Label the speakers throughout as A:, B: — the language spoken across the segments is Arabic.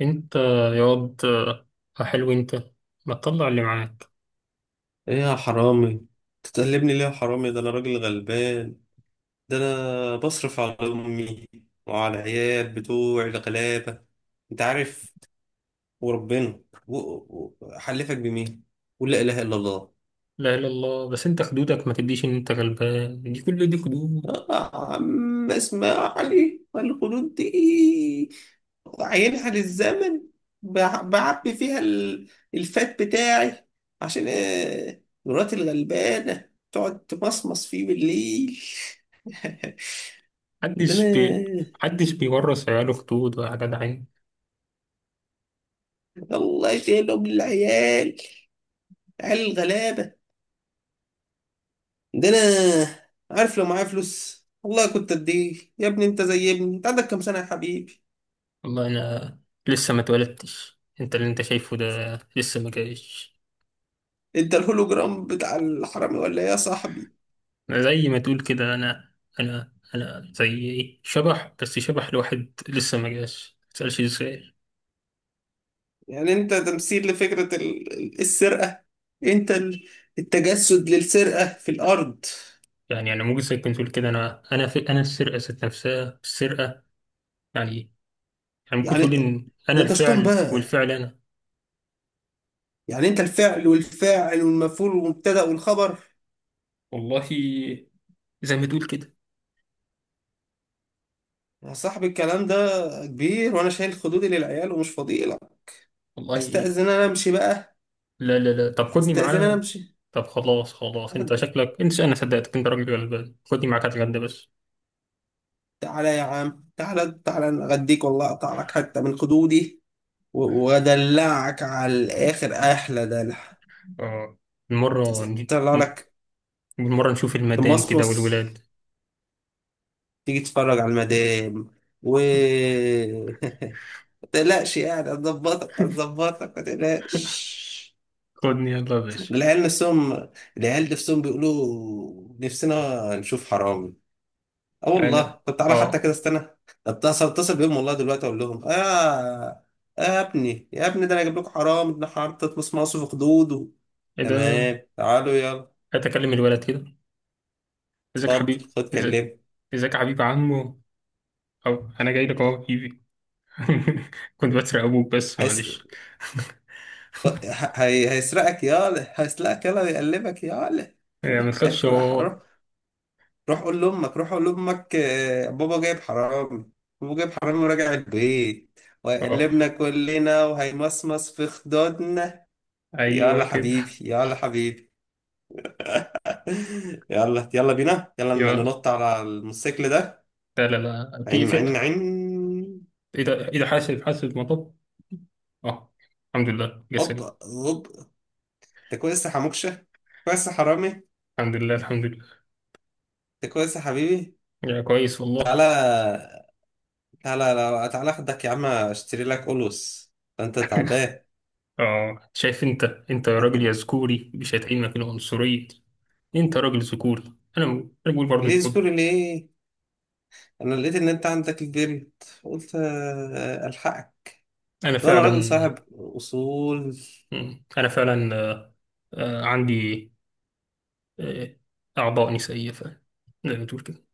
A: انت يا واد، حلو انت. ما تطلع اللي معاك؟
B: ايه يا حرامي؟ تتقلبني ليه يا حرامي؟ ده انا راجل غلبان، ده انا بصرف على امي وعلى العيال بتوعي الغلابه، انت عارف وربنا. حلفك بمين؟ قول لا اله الا الله.
A: لا اله الا الله، بس انت خدودك ما تديش ان انت غلبان. دي كل دي خدود.
B: عم اسمع. علي والخدود دي عينها للزمن. بعبي فيها الفات بتاعي عشان مراتي الغلبانه تقعد تمصمص فيه بالليل. عندنا
A: محدش بي محدش بيورث عياله خدود ولا حاجة، عين.
B: الله يشيلهم للعيال، عيال الغلابة عندنا. عارف لو معايا فلوس والله كنت اديه. يا ابني انت زي ابني، انت عندك كام سنة يا حبيبي؟
A: والله انا لسه ما اتولدتش. انت اللي انت شايفه ده لسه ما جايش.
B: انت الهولوجرام بتاع الحرامي ولا ايه يا صاحبي؟
A: أنا زي ما تقول كده، انا زي ايه، شبح. بس شبح لواحد لسه ما جاش، ما تسألش ازاي.
B: يعني انت تمثيل لفكرة السرقة، انت التجسد للسرقة في الارض.
A: يعني انا ممكن، زي كنت تقول كده، انا في انا السرقة ذات نفسها، السرقة يعني يعني ممكن
B: يعني
A: تقول إن أنا
B: ده انت شطان
A: الفعل
B: بقى،
A: والفعل أنا.
B: يعني انت الفعل والفاعل والمفعول والمبتدأ والخبر.
A: والله زي ما تقول كده.
B: يا صاحبي الكلام ده كبير وانا شايل خدودي للعيال ومش فاضي.
A: والله،
B: استأذن انا امشي بقى،
A: لا لا لا، طب خدني
B: استأذن انا
A: معاه.
B: امشي.
A: طب خلاص خلاص، أنت شكلك، أنت، أنا صدقتك، أنت راجل غلبان. خدني معاك هتغدى بس.
B: تعالى يا عم، تعالى تعالى، أنا اغديك والله، اقطع لك حتة من خدودي وادلعك على الاخر احلى دلع،
A: آه. المرة نجي-
B: طلع لك
A: المرة نشوف المدام كده
B: تمصمص.
A: والولاد.
B: تيجي تتفرج على المدام و ما تقلقش، يعني هتظبطك هتظبطك، ما تقلقش.
A: خدني يلا يا باشا.
B: العيال نفسهم، العيال نفسهم بيقولوا نفسنا نشوف حرام. اه والله،
A: يعني.
B: طب تعالى حتى
A: آه.
B: كده استنى. اتصل بيهم، والله دلوقتي اقول لهم: يا ابني يا ابني، ده انا جايب لكم حرام ابن حرام تطمس مصر في خدوده.
A: إيه ده؟
B: تمام تعالوا يلا.
A: أتكلم الولد كده. إزيك يا
B: اتفضل
A: حبيبي؟
B: خد
A: إزيك؟
B: كلمه.
A: ازيك يا حبيب عمو؟ او انا جاي لك اهو يا حبيبي. كنت بسرق ابوك بس
B: هيس...
A: معلش.
B: هيسرقك يالا، هيسرقك يالا ويقلبك يالا.
A: يعني ما تخافش
B: افرح
A: هو.
B: روح، روح قول لامك، روح قول لامك بابا جايب حرامي، بابا جايب حرامي وراجع البيت
A: اه،
B: وهيقلبنا كلنا وهيمصمص في خدودنا.
A: ايوه
B: يلا
A: كده.
B: حبيبي يلا حبيبي. يلا يلا بينا، يلا
A: يا
B: ننط على الموتوسيكل ده.
A: لا لا لا، في
B: عين
A: في
B: عين عين!
A: ايه ده؟ ايه ده؟ حاسب حاسب، مطب. اه، الحمد لله
B: هوب
A: جسري.
B: هوب. انت كويس يا حموكشة؟ كويس يا حرامي؟
A: الحمد لله، الحمد لله.
B: انت كويس يا حبيبي؟
A: يا كويس والله.
B: تعالى تعالى لو تعالى اخدك يا عم اشتري لك قلوس، ده انت تعبان.
A: اه، شايف انت يا راجل، يا ذكوري، مش هتعينك العنصرية دي. انت راجل ذكوري. انا انا بقول برضو
B: ليه
A: الكود.
B: ذكور ليه؟ انا لقيت ان انت عندك البرد، قلت الحقك،
A: انا
B: ده انا راجل
A: فعلا.
B: صاحب اصول.
A: انا فعلا آه، عندي، آه، اعضاء نسائية فعلا، زي ما تقول كده.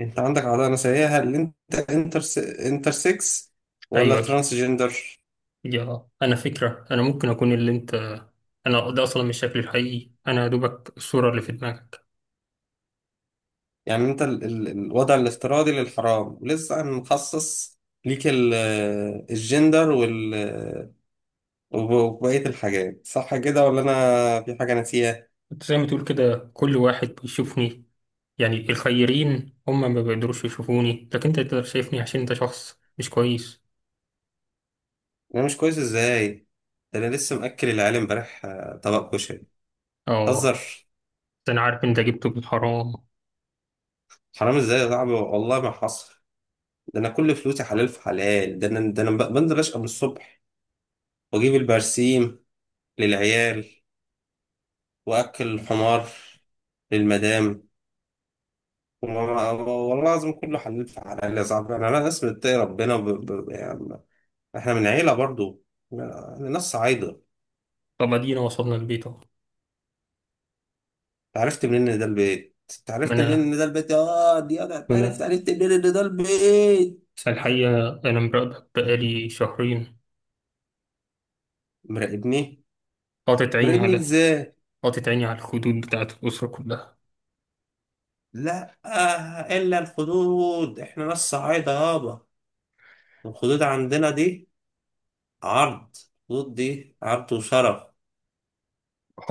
B: انت عندك عضله نسائيه؟ هل انت انتر، انتر سكس ولا
A: ايوه.
B: ترانس جندر؟
A: يا انا فكره، انا ممكن اكون اللي انت. انا ده اصلا مش شكلي الحقيقي، انا يا دوبك الصوره اللي في دماغك.
B: يعني انت ال ال الوضع الافتراضي للحرام ولسه هنخصص ليك الجندر وال وبقية الحاجات، صح كده ولا انا في حاجة ناسيها؟
A: انت زي ما تقول كده كل واحد بيشوفني. يعني الخيرين هم ما بيقدروش يشوفوني، لكن انت تقدر شايفني عشان انت شخص مش كويس.
B: انا مش كويس ازاي؟ ده انا لسه مأكل العيال امبارح طبق كشري،
A: اه،
B: تهزر؟
A: ده انا عارف انت جبته بالحرام.
B: حرام ازاي يا صاحبي؟ والله ما حصل، ده انا كل فلوسي حلال في حلال، ده انا بنزل اشقى من الصبح واجيب البرسيم للعيال واكل الحمار للمدام. والله لازم كله، حلف على العيلة يا صاحبي، يعني أنا ناس بتتقي ربنا ب... ب... يعني إحنا من عيلة برضو، يعني ناس صعايدة أنت.
A: طب ادينا وصلنا البيت اهو.
B: عرفت منين إن ده البيت؟ أنت
A: ما
B: عرفت منين
A: انا
B: إن ده البيت؟ آه دي أنا
A: ما
B: عرفت.
A: انا
B: عرفت منين إن ده البيت؟
A: الحقيقه انا مراقبك بقالي شهرين.
B: مراقبني؟
A: حاطط عيني
B: مراقبني
A: على
B: إزاي؟
A: حاطط عيني على الخدود بتاعت الاسره كلها.
B: لا آه، إلا الخدود! إحنا ناس صعايدة يابا، الخدود عندنا دي عرض، الخدود دي عرض وشرف.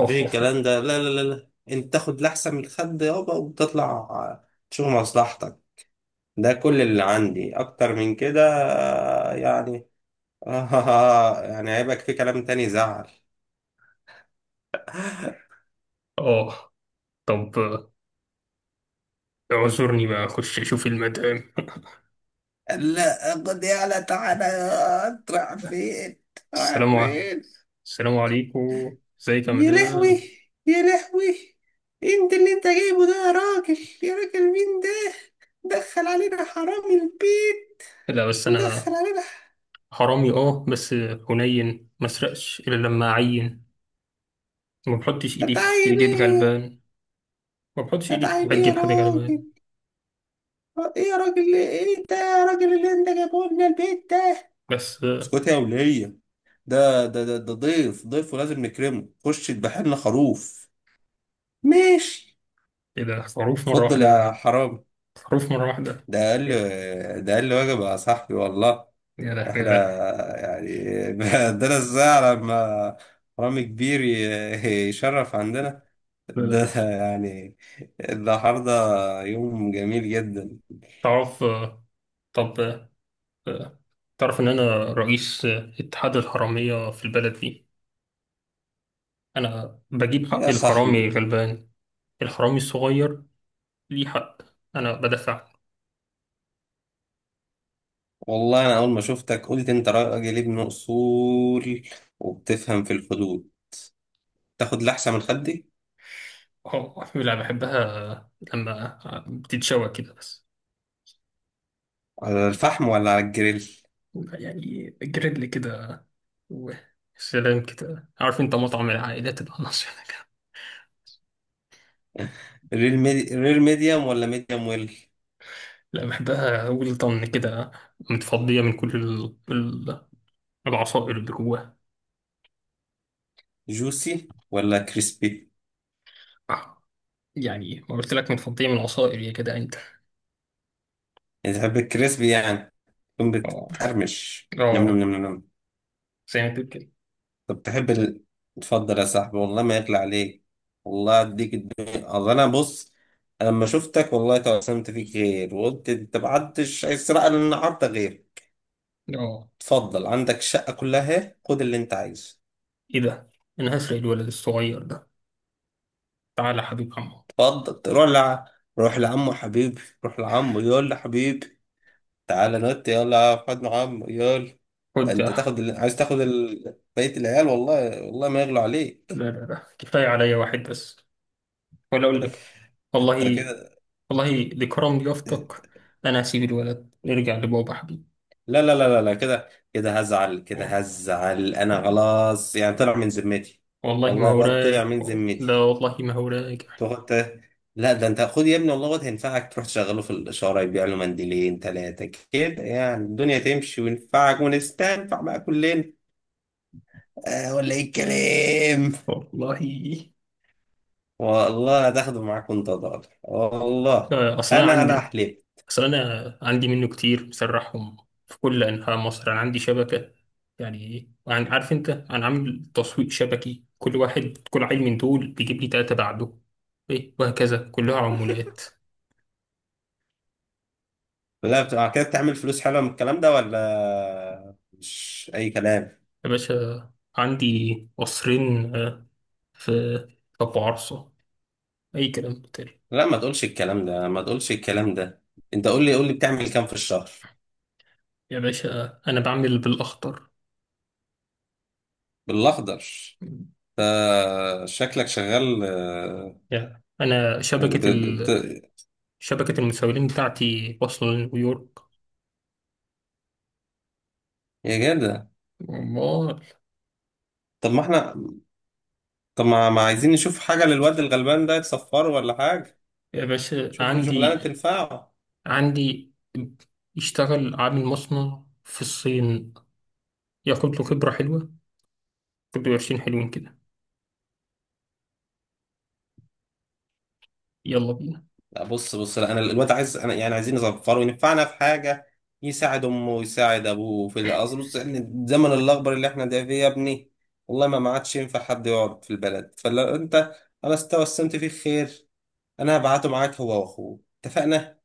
B: مفيش الكلام ده، لا لا لا لا. أنت تاخد لأحسن من الخد يابا وتطلع تشوف مصلحتك، ده كل اللي عندي. اكتر من كده يعني... آه، يعني هيبقى في كلام تاني زعل.
A: اه، طب اعذرني بقى اخش اشوف المدام.
B: لا قد يعلى، تعالى. انت رايح فين؟ رايح
A: السلام عليكم.
B: فين؟
A: السلام عليكم، ازيك يا
B: يا لهوي،
A: مدام؟
B: يا لهوي! انت اللي انت جايبه ده يا راجل، يا راجل مين ده؟ دخل علينا حرامي البيت،
A: لا بس
B: مدخل
A: انا
B: علينا.
A: حرامي اه بس هنين، ما اسرقش الا لما اعين. ما بحطش ايدي في
B: هتعين
A: جيب
B: ايه؟
A: غلبان. ما بحطش ايدي
B: هتعين
A: في
B: ايه يا
A: جيب حد غلبان.
B: راجل؟ ايه يا راجل، ايه ده يا راجل اللي انت جايبه لنا البيت ده؟
A: بس.
B: اسكت يا ولية، ده ضيف، ضيف ولازم نكرمه، خش اذبح لنا خروف. ماشي،
A: ايه ده؟ خروف مره
B: اتفضل يا
A: واحده؟
B: حرامي.
A: خروف مره واحده؟
B: ده اقل،
A: إيه؟
B: ده اقل واجب يا صاحبي والله.
A: يا ده يا
B: احنا
A: ده.
B: يعني عندنا الساعة لما حرامي كبير يشرف عندنا،
A: لا لا
B: ده
A: لا.
B: يعني النهارده يوم جميل جدا.
A: تعرف آه، طب، آه، تعرف ان انا رئيس، اتحاد الحراميه في البلد دي. انا بجيب حق
B: يا
A: الحرامي
B: صاحبي
A: غلبان، الحرامي الصغير ليه حق. انا بدافع.
B: والله انا اول ما شفتك قلت انت راجل ابن اصول وبتفهم في الحدود. تاخد لحسة من خدي؟
A: اه، لا بحبها لما بتتشوى كده بس.
B: على الفحم ولا على الجريل؟
A: يعني جريل كده، و سلام كده. عارف انت مطعم العائلات العناصر ده كده.
B: رير ميدي... رير ميديوم ولا ميديوم ويل؟
A: لا بحبها ولطن كده، متفضية من كل العصائر اللي جواها.
B: جوسي ولا كريسبي؟
A: آه. يعني ما قلت لك متفضية من العصائر يا كده انت.
B: يعني تحب الكريسبي، يعني تكون
A: اه
B: بتقرمش نم نم
A: اه،
B: نم نم؟
A: زي ما تقول كده.
B: طب تحب ال... اتفضل يا صاحبي والله ما يطلع عليك، والله اديك الدنيا. اصل انا بص، أنا لما شفتك والله توسمت فيك غير وقلت انت ما حدش هيسرق لنا النهارده غير.
A: اه.
B: اتفضل عندك الشقه كلها اهي، خد اللي انت عايزه.
A: ايه ده؟ انا هسرق الولد الصغير ده. تعالى يا حبيب عمو.
B: اتفضل روح لع... روح لعمه حبيبي، روح لعمه يقول له حبيبي. تعالى نوت يلا، يا احمد محمد يلا.
A: خد.
B: انت تاخد ال... عايز تاخد ال... بقية العيال، والله والله ما يغلو
A: لا
B: عليك.
A: لا لا، كفاية عليا واحد بس. ولا أقول لك،
B: انت
A: والله،
B: كده...
A: والله لكرم ضيافتك، أنا هسيب الولد، نرجع لبابا حبيبي.
B: لا لا لا لا لا، كده كده هزعل، كده
A: و-
B: هزعل، انا
A: و-
B: خلاص يعني طلع من ذمتي،
A: والله ما
B: والله
A: هو
B: الواد طلع
A: رايق.
B: من
A: لا
B: ذمتي.
A: والله ما هو رايق.
B: تاخد ت- لا ده انت خد يا ابني، والله الواد هينفعك، تروح تشغله في الاشاره، يبيع له منديلين ثلاثه كده، يعني الدنيا تمشي وينفعك ونستنفع بقى كلنا، آه، ولا ايه الكلام؟
A: والله.
B: والله هتاخده معاك وانت ضالع، والله
A: لا، أصل أنا
B: انا
A: عندي،
B: احلف.
A: أصل أنا عندي منه كتير، بسرحهم في كل أنحاء مصر. أنا عندي شبكة. يعني إيه، عارف أنت، أنا عامل تسويق شبكي، كل واحد، كل عيل من دول بيجيب لي تلاتة بعده، إيه، وهكذا كلها عمولات.
B: لا بتبقى كده؟ بتعمل فلوس حلوه من الكلام ده ولا مش اي كلام؟
A: يا باشا، عندي قصرين، في في أبو عرصة، أي كلام تاني.
B: لا ما تقولش الكلام ده، ما تقولش الكلام ده، انت قول لي، قول لي بتعمل كام في الشهر؟
A: يا باشا، أنا بعمل بالأخطر.
B: بالاخضر؟ شكلك شغال
A: يا أنا
B: ب-
A: شبكة
B: ب- بت...
A: ال... شبكة المسؤولين بتاعتي واصلة لنيويورك.
B: يا جدع!
A: أمال.
B: طب ما احنا، طب ما عايزين نشوف حاجه للواد الغلبان ده، يتصفره ولا حاجه،
A: يا باشا
B: شوف له شغلانه
A: عندي
B: تنفعه.
A: عندي يشتغل عامل مصنع في الصين، ياخد له خبرة حلوة، كل و20 حلوين كده. يلا بينا.
B: لا بص بص، لا انا الواد عايز، انا يعني عايزين نظفره وينفعنا في حاجه، يساعد امه ويساعد ابوه في الاصل. بص إن الزمن الاخضر اللي احنا ده فيه يا ابني والله ما عادش ينفع حد يقعد في البلد. فلو انت، انا استوسمت فيه خير، انا هبعته معاك هو واخوه، اتفقنا؟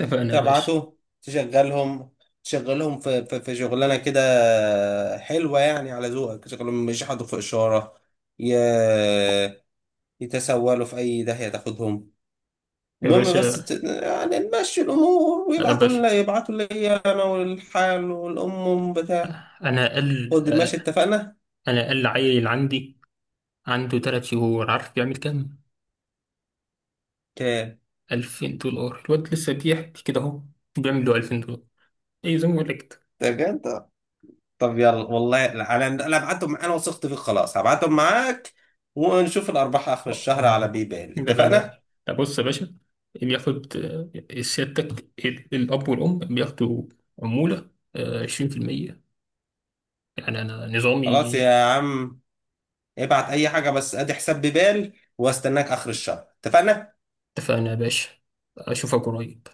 A: اتفقنا يا باشا.
B: تبعته تشغلهم، تشغلهم في شغلانه كده حلوه يعني على ذوقك، تشغلهم مش يحطوا في اشاره ي- يتسولوا في اي داهيه تاخدهم.
A: يا
B: المهم بس
A: باشا،
B: ت... يعني نمشي الأمور،
A: يا
B: ويبعتوا
A: باشا،
B: لنا، يبعتوا لي أنا والحال والأم بتاع.
A: أنا أقل
B: خد ماشي، اتفقنا؟
A: أنا أقل عيل عندي عنده 3 شهور، عارف بيعمل كام؟
B: اوكي.
A: $2,000. الواد لسه بيحكي كده أهو بيعمل له $2,000. إيه، زي ما بقول لك كده.
B: ده بجد؟ طب يلا والله، أنا هبعتهم معاك، أنا وثقت فيك خلاص، هبعتهم معاك ونشوف الأرباح آخر الشهر على
A: اه،
B: بيبال،
A: لا لا
B: اتفقنا؟
A: لا لا، بص يا باشا، بياخد، سيادتك الأب والأم بياخدوا عمولة، 20%، يعني أنا نظامي.
B: خلاص يا عم، ابعت أي حاجة بس أدي حساب بيبال وأستناك آخر الشهر، اتفقنا؟
A: اتفقنا يا باشا، أشوفك قريب.